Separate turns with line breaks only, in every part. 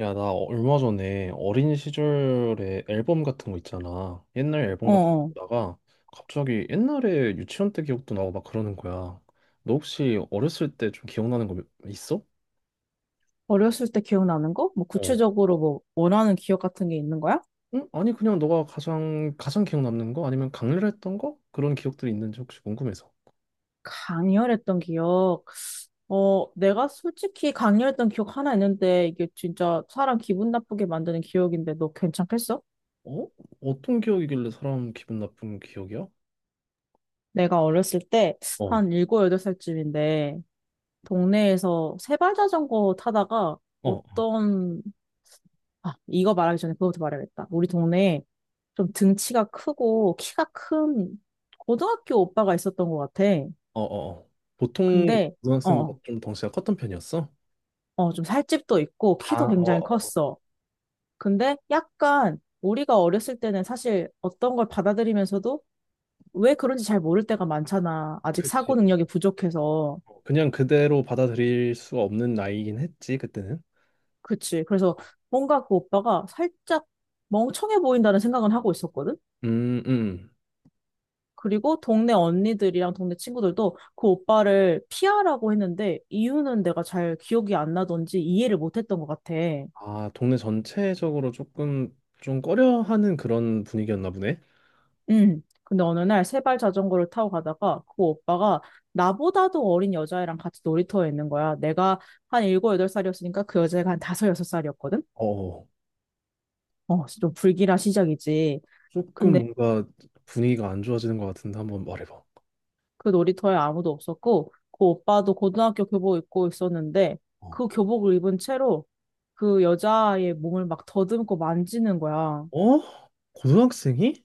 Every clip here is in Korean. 야, 나 얼마 전에 어린 시절에 앨범 같은 거 있잖아. 옛날 앨범
어,
같은 거
어.
보다가 갑자기 옛날에 유치원 때 기억도 나고 막 그러는 거야. 너 혹시 어렸을 때 좀 기억나는 거 있어?
어렸을 때 기억나는 거? 뭐
어.
구체적으로 뭐 원하는 기억 같은 게 있는 거야?
응? 아니, 그냥 너가 가장 기억 남는 거? 아니면 강렬했던 거? 그런 기억들이 있는지 혹시 궁금해서.
강렬했던 기억. 내가 솔직히 강렬했던 기억 하나 있는데 이게 진짜 사람 기분 나쁘게 만드는 기억인데 너 괜찮겠어?
어? 어떤 기억이길래 사람 기분 나쁜 기억이야?
내가 어렸을 때
어.
한 일곱 여덟 살쯤인데 동네에서 세발 자전거 타다가
어, 어,
어떤 이거 말하기 전에 그거부터 말해야겠다. 우리 동네에 좀 등치가 크고 키가 큰 고등학교 오빠가 있었던 것 같아.
어, 어. 보통
근데 어,
고등학생보다
어,
좀 덩치가 컸던 편이었어?
좀 살집도 있고
아,
키도
어,
굉장히
어.
컸어. 근데 약간 우리가 어렸을 때는 사실 어떤 걸 받아들이면서도 왜 그런지 잘 모를 때가 많잖아. 아직 사고
그치.
능력이 부족해서.
그냥 그대로 받아들일 수 없는 나이긴 했지, 그때는.
그치. 그래서 뭔가 그 오빠가 살짝 멍청해 보인다는 생각은 하고 있었거든.
음, 음.
그리고 동네 언니들이랑 동네 친구들도 그 오빠를 피하라고 했는데 이유는 내가 잘 기억이 안 나던지 이해를 못 했던 것 같아.
아, 동네 전체적으로 조금 좀 꺼려하는 그런 분위기였나 보네.
응. 근데 어느 날 세발 자전거를 타고 가다가 그 오빠가 나보다도 어린 여자애랑 같이 놀이터에 있는 거야. 내가 한 일곱 여덟 살이었으니까그 여자애가 한 다섯 여섯 살이었거든.
어,
좀 불길한 시작이지.
조금
근데
뭔가 분위기가 안 좋아지는 것 같은데 한번 말해봐.
그 놀이터에 아무도 없었고 그 오빠도 고등학교 교복 입고 있었는데
어?
그 교복을 입은 채로 그 여자아이의 몸을 막 더듬고 만지는 거야.
어? 고등학생이?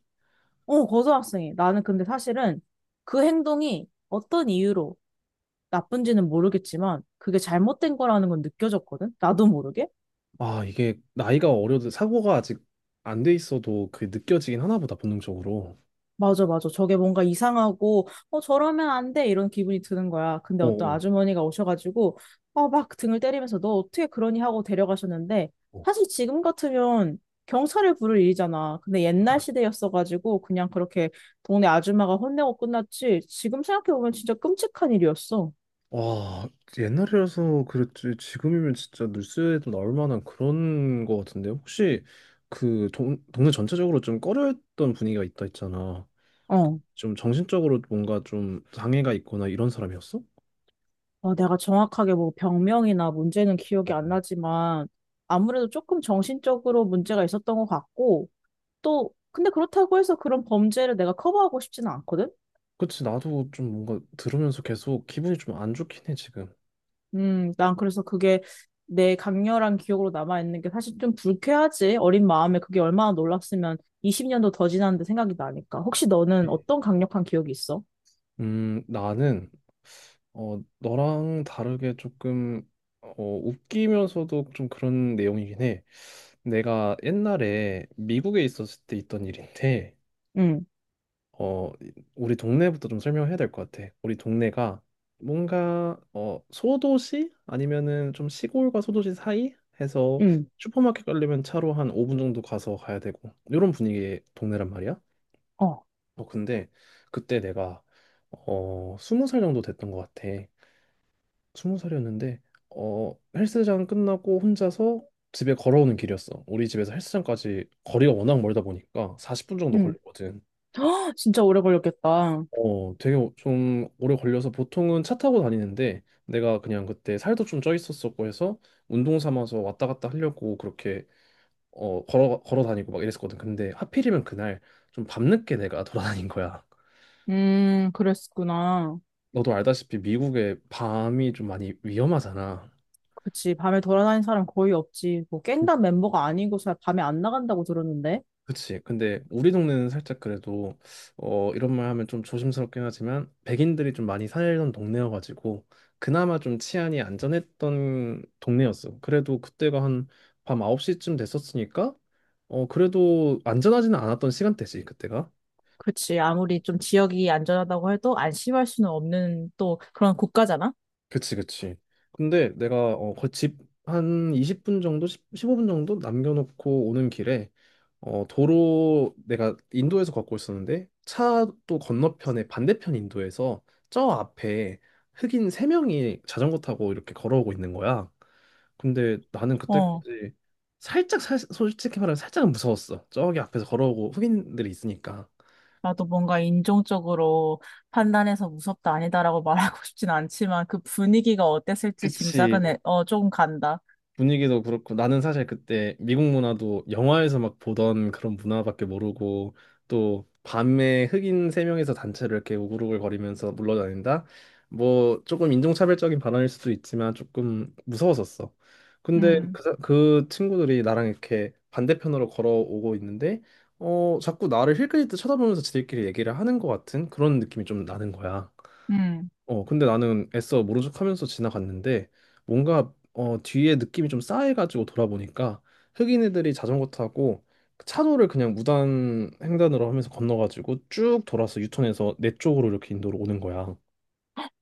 어, 고등학생이. 나는 근데 사실은 그 행동이 어떤 이유로 나쁜지는 모르겠지만 그게 잘못된 거라는 건 느껴졌거든? 나도 모르게?
아, 이게 나이가 어려도 사고가 아직 안 돼 있어도 그 느껴지긴 하나 보다, 본능적으로.
맞아, 맞아. 저게 뭔가 이상하고, 저러면 안 돼. 이런 기분이 드는 거야. 근데 어떤
어,
아주머니가 오셔가지고, 막 등을 때리면서 너 어떻게 그러니 하고 데려가셨는데,
어.
사실 지금 같으면 경찰을 부를 일이잖아. 근데 옛날 시대였어가지고 그냥 그렇게 동네 아줌마가 혼내고 끝났지. 지금 생각해보면 진짜 끔찍한 일이었어.
와, 옛날이라서 그랬지. 지금이면 진짜 뉴스에도 나올 만한 그런 거 같은데. 혹시 그 동네 전체적으로 좀 꺼려했던 분위기가 있다 했잖아.
어.
좀 정신적으로 뭔가 좀 장애가 있거나 이런 사람이었어?
아, 내가 정확하게 뭐 병명이나 문제는
어.
기억이 안 나지만 아무래도 조금 정신적으로 문제가 있었던 것 같고 또 근데 그렇다고 해서 그런 범죄를 내가 커버하고 싶지는 않거든?
그치, 나도 좀 뭔가 들으면서 계속 기분이 좀 안 좋긴 해, 지금.
난 그래서 그게 내 강렬한 기억으로 남아있는 게 사실 좀 불쾌하지. 어린 마음에 그게 얼마나 놀랐으면 20년도 더 지났는데 생각이 나니까. 혹시 너는 어떤 강력한 기억이 있어?
나는 너랑 다르게 조금 웃기면서도 좀 그런 내용이긴 해. 내가 옛날에 미국에 있었을 때 있던 일인데,
응,
어, 우리 동네부터 좀 설명해야 될 것 같아. 우리 동네가 뭔가 소도시 아니면은 좀 시골과 소도시 사이 해서
응,
슈퍼마켓 가려면 차로 한 5분 정도 가서 가야 되고 이런 분위기의 동네란 말이야.
어,
근데 그때 내가 20살 정도 됐던 것 같아. 스무 살이었는데 헬스장 끝나고 혼자서 집에 걸어오는 길이었어. 우리 집에서 헬스장까지 거리가 워낙 멀다 보니까 40분 정도
응.
걸리거든.
진짜 오래 걸렸겠다.
좀 오래 걸려서 보통은 차 타고 다니는데 내가 그냥 그때 살도 좀 쪄 있었었고 해서 운동 삼아서 왔다 갔다 하려고 그렇게 걸어 다니고 막 이랬었거든. 근데 하필이면 그날 좀 밤늦게 내가 돌아다닌 거야.
그랬구나.
너도 알다시피 미국의 밤이 좀 많이 위험하잖아.
그치. 밤에 돌아다니는 사람 거의 없지. 뭐 갱단 멤버가 아니고서 밤에 안 나간다고 들었는데.
그치. 근데 우리 동네는 살짝 그래도 이런 말 하면 좀 조심스럽긴 하지만 백인들이 좀 많이 살던 동네여가지고 그나마 좀 치안이 안전했던 동네였어. 그래도 그때가 한 밤 9시쯤 됐었으니까 그래도 안전하지는 않았던 시간대지 그때가.
그치. 아무리 좀 지역이 안전하다고 해도 안심할 수는 없는 또 그런 국가잖아?
그치, 그치. 근데 내가 어집한 20분 정도 십0 15분 정도 남겨놓고 오는 길에 도로 내가 인도에서 걷고 있었는데 차도 건너편에 반대편 인도에서 저 앞에 흑인 3명이 자전거 타고 이렇게 걸어오고 있는 거야. 근데 나는
어.
그때까지 솔직히 말하면 살짝은 무서웠어. 저기 앞에서 걸어오고 흑인들이 있으니까.
나도 뭔가 인종적으로 판단해서 무섭다 아니다라고 말하고 싶진 않지만 그 분위기가 어땠을지
그치.
짐작은 해. 조금 간다.
분위기도 그렇고 나는 사실 그때 미국 문화도 영화에서 막 보던 그런 문화밖에 모르고 또 밤에 흑인 3명이서 단체로 이렇게 우글우글거리면서 물러다닌다? 뭐 조금 인종차별적인 발언일 수도 있지만 조금 무서웠었어. 근데
음,
그 친구들이 나랑 이렇게 반대편으로 걸어오고 있는데 자꾸 나를 힐끗힐끗 쳐다보면서 지들끼리 얘기를 하는 것 같은 그런 느낌이 좀 나는 거야.
음.
근데 나는 애써 모른 척하면서 지나갔는데 뭔가 뒤에 느낌이 좀 싸해가지고 돌아보니까 흑인 애들이 자전거 타고 그 차도를 그냥 무단 횡단으로 하면서 건너가지고 쭉 돌아서 유턴해서 내 쪽으로 이렇게 인도로 오는 거야.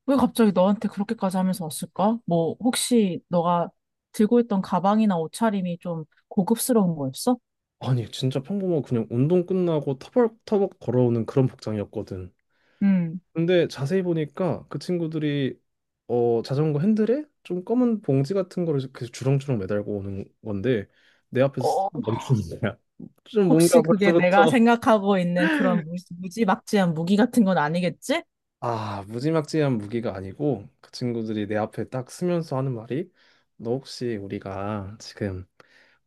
왜 갑자기 너한테 그렇게까지 하면서 왔을까? 뭐, 혹시 너가 들고 있던 가방이나 옷차림이 좀 고급스러운 거였어?
아니 진짜 평범하고 그냥 운동 끝나고 터벅터벅 걸어오는 그런 복장이었거든.
음.
근데 자세히 보니까 그 친구들이 자전거 핸들에 좀 검은 봉지 같은 거를 그 주렁주렁 매달고 오는 건데 내
어,
앞에서 멈추는 거야. 좀 뭔가
혹시 그게 내가
벌써부터.
생각하고 있는 그런 무지막지한 무기 같은 건 아니겠지?
아, 무지막지한 무기가 아니고 그 친구들이 내 앞에 딱 서면서 하는 말이 너 혹시 우리가 지금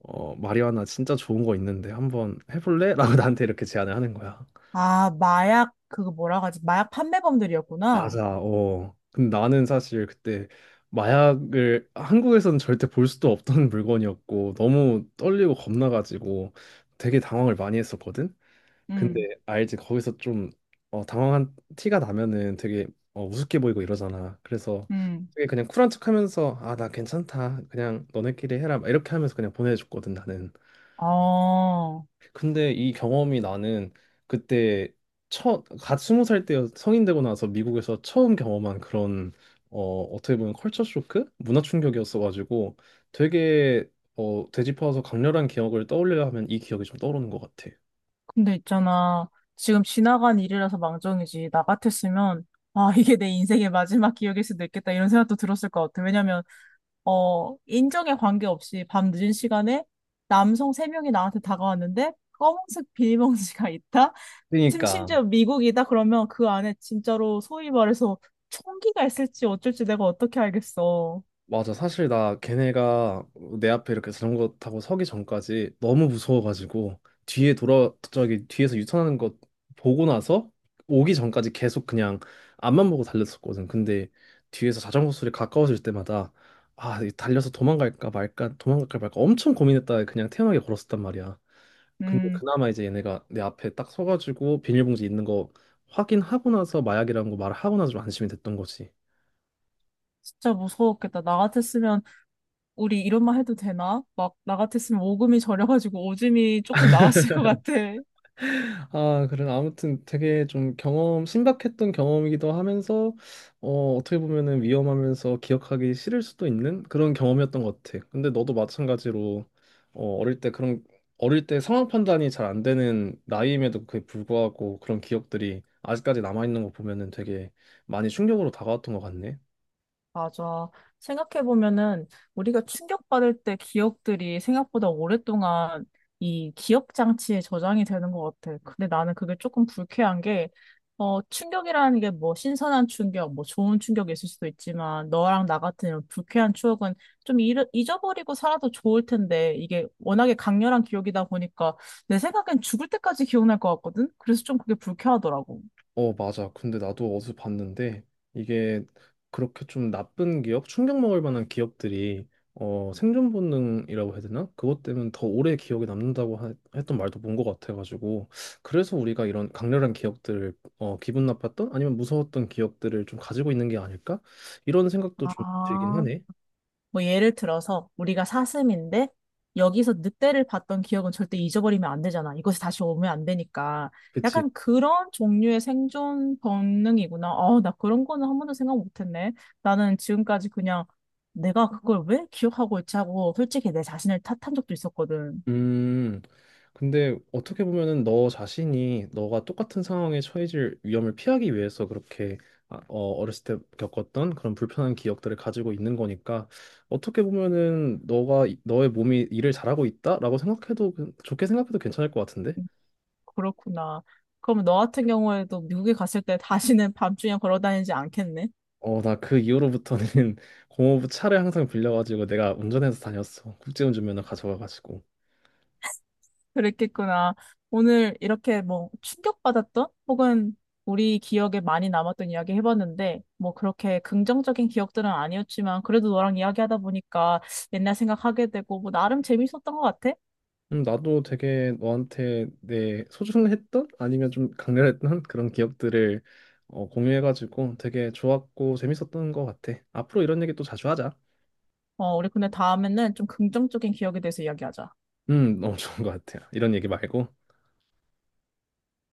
마리화나 진짜 좋은 거 있는데 한번 해볼래? 라고 나한테 이렇게 제안을 하는 거야.
아, 마약, 그거 뭐라고 하지? 마약 판매범들이었구나.
맞아. 어. 근데 나는 사실 그때 마약을 한국에서는 절대 볼 수도 없던 물건이었고 너무 떨리고 겁나가지고 되게 당황을 많이 했었거든. 근데
음,
알지 거기서 좀 당황한 티가 나면은 되게 우습게 보이고 이러잖아. 그래서
음.
되게 그냥 쿨한 척하면서 아, 나 괜찮다. 그냥 너네끼리 해라. 막 이렇게 하면서 그냥 보내줬거든 나는.
어,
근데 이 경험이 나는 그때 첫갓 20살 때 성인 되고 나서 미국에서 처음 경험한 그런 어떻게 보면 컬처 쇼크? 문화 충격이었어가지고 되게 되짚어서 강렬한 기억을 떠올려 하면 이 기억이 좀 떠오르는 것 같아.
근데 있잖아. 지금 지나간 일이라서 망정이지. 나 같았으면, 아, 이게 내 인생의 마지막 기억일 수도 있겠다. 이런 생각도 들었을 것 같아. 왜냐면, 인정에 관계없이 밤 늦은 시간에 남성 세명이 나한테 다가왔는데, 검은색 비닐봉지가 있다? 지금
그러니까
심지어 미국이다 그러면 그 안에 진짜로 소위 말해서 총기가 있을지 어쩔지 내가 어떻게 알겠어.
맞아. 사실 나 걔네가 내 앞에 이렇게 자전거 타고 서기 전까지 너무 무서워가지고 뒤에 돌아 저기 뒤에서 유턴하는 거 보고 나서 오기 전까지 계속 그냥 앞만 보고 달렸었거든. 근데 뒤에서 자전거 소리 가까워질 때마다 아, 이 달려서 도망갈까 말까 도망갈까 말까 엄청 고민했다가 그냥 태연하게 걸었었단 말이야. 근데
음,
그나마 이제 얘네가 내 앞에 딱 서가지고 비닐봉지 있는 거 확인하고 나서 마약이라는 거 말하고 나서 좀 안심이 됐던 거지.
진짜 무서웠겠다. 나 같았으면 우리 이런 말 해도 되나? 막 나 같았으면 오금이 저려가지고 오줌이 조금 나왔을 것 같아.
아, 그래. 아무튼 되게 좀 신박했던 경험이기도 하면서, 어떻게 보면은 위험하면서 기억하기 싫을 수도 있는 그런 경험이었던 것 같아. 근데 너도 마찬가지로, 어, 어릴 때 그런, 어릴 때 상황 판단이 잘 안 되는 나이임에도 그에 불구하고 그런 기억들이 아직까지 남아있는 거 보면은 되게 많이 충격으로 다가왔던 것 같네.
맞아. 생각해보면은 우리가 충격받을 때 기억들이 생각보다 오랫동안 이 기억 장치에 저장이 되는 것 같아. 근데 나는 그게 조금 불쾌한 게, 충격이라는 게 뭐 신선한 충격, 뭐 좋은 충격이 있을 수도 있지만 너랑 나 같은 이런 불쾌한 추억은 좀어 잊어버리고 살아도 좋을 텐데 이게 워낙에 강렬한 기억이다 보니까 내 생각엔 죽을 때까지 기억날 것 같거든? 그래서 좀 그게 불쾌하더라고.
어, 맞아. 근데 나도 어디서 봤는데 이게 그렇게 좀 충격 먹을 만한 기업들이 생존 본능이라고 해야 되나? 그것 때문에 더 오래 기억에 남는다고 했던 말도 본 것 같아가지고 그래서 우리가 이런 강렬한 기억들을 기분 나빴던 아니면 무서웠던 기억들을 좀 가지고 있는 게 아닐까? 이런 생각도 좀 들긴
아,
하네.
뭐 예를 들어서 우리가 사슴인데 여기서 늑대를 봤던 기억은 절대 잊어버리면 안 되잖아. 이곳에 다시 오면 안 되니까.
그치?
약간 그런 종류의 생존 본능이구나. 나 그런 거는 한 번도 생각 못 했네. 나는 지금까지 그냥 내가 그걸 왜 기억하고 있지 하고 솔직히 내 자신을 탓한 적도 있었거든.
음, 근데 어떻게 보면은 너 자신이 너가 똑같은 상황에 처해질 위험을 피하기 위해서 그렇게 어렸을 때 겪었던 그런 불편한 기억들을 가지고 있는 거니까 어떻게 보면은 너가 너의 몸이 일을 잘하고 있다라고 생각해도 좋게 생각해도 괜찮을 것 같은데?
그렇구나. 그럼 너 같은 경우에도 미국에 갔을 때 다시는 밤중에 걸어 다니지 않겠네?
나 그 이후로부터는 공허부 차를 항상 빌려가지고 내가 운전해서 다녔어. 국제운전면허 가져가가지고.
그랬겠구나. 오늘 이렇게 뭐 충격받았던 혹은 우리 기억에 많이 남았던 이야기 해봤는데 뭐 그렇게 긍정적인 기억들은 아니었지만 그래도 너랑 이야기하다 보니까 옛날 생각하게 되고 뭐 나름 재밌었던 것 같아.
나도 되게 너한테 내 소중했던 아니면 좀 강렬했던 그런 기억들을 공유해가지고 되게 좋았고 재밌었던 것 같아. 앞으로 이런 얘기 또 자주 하자.
우리 근데 다음에는 좀 긍정적인 기억에 대해서 이야기하자.
너무 좋은 것 같아. 이런 얘기 말고.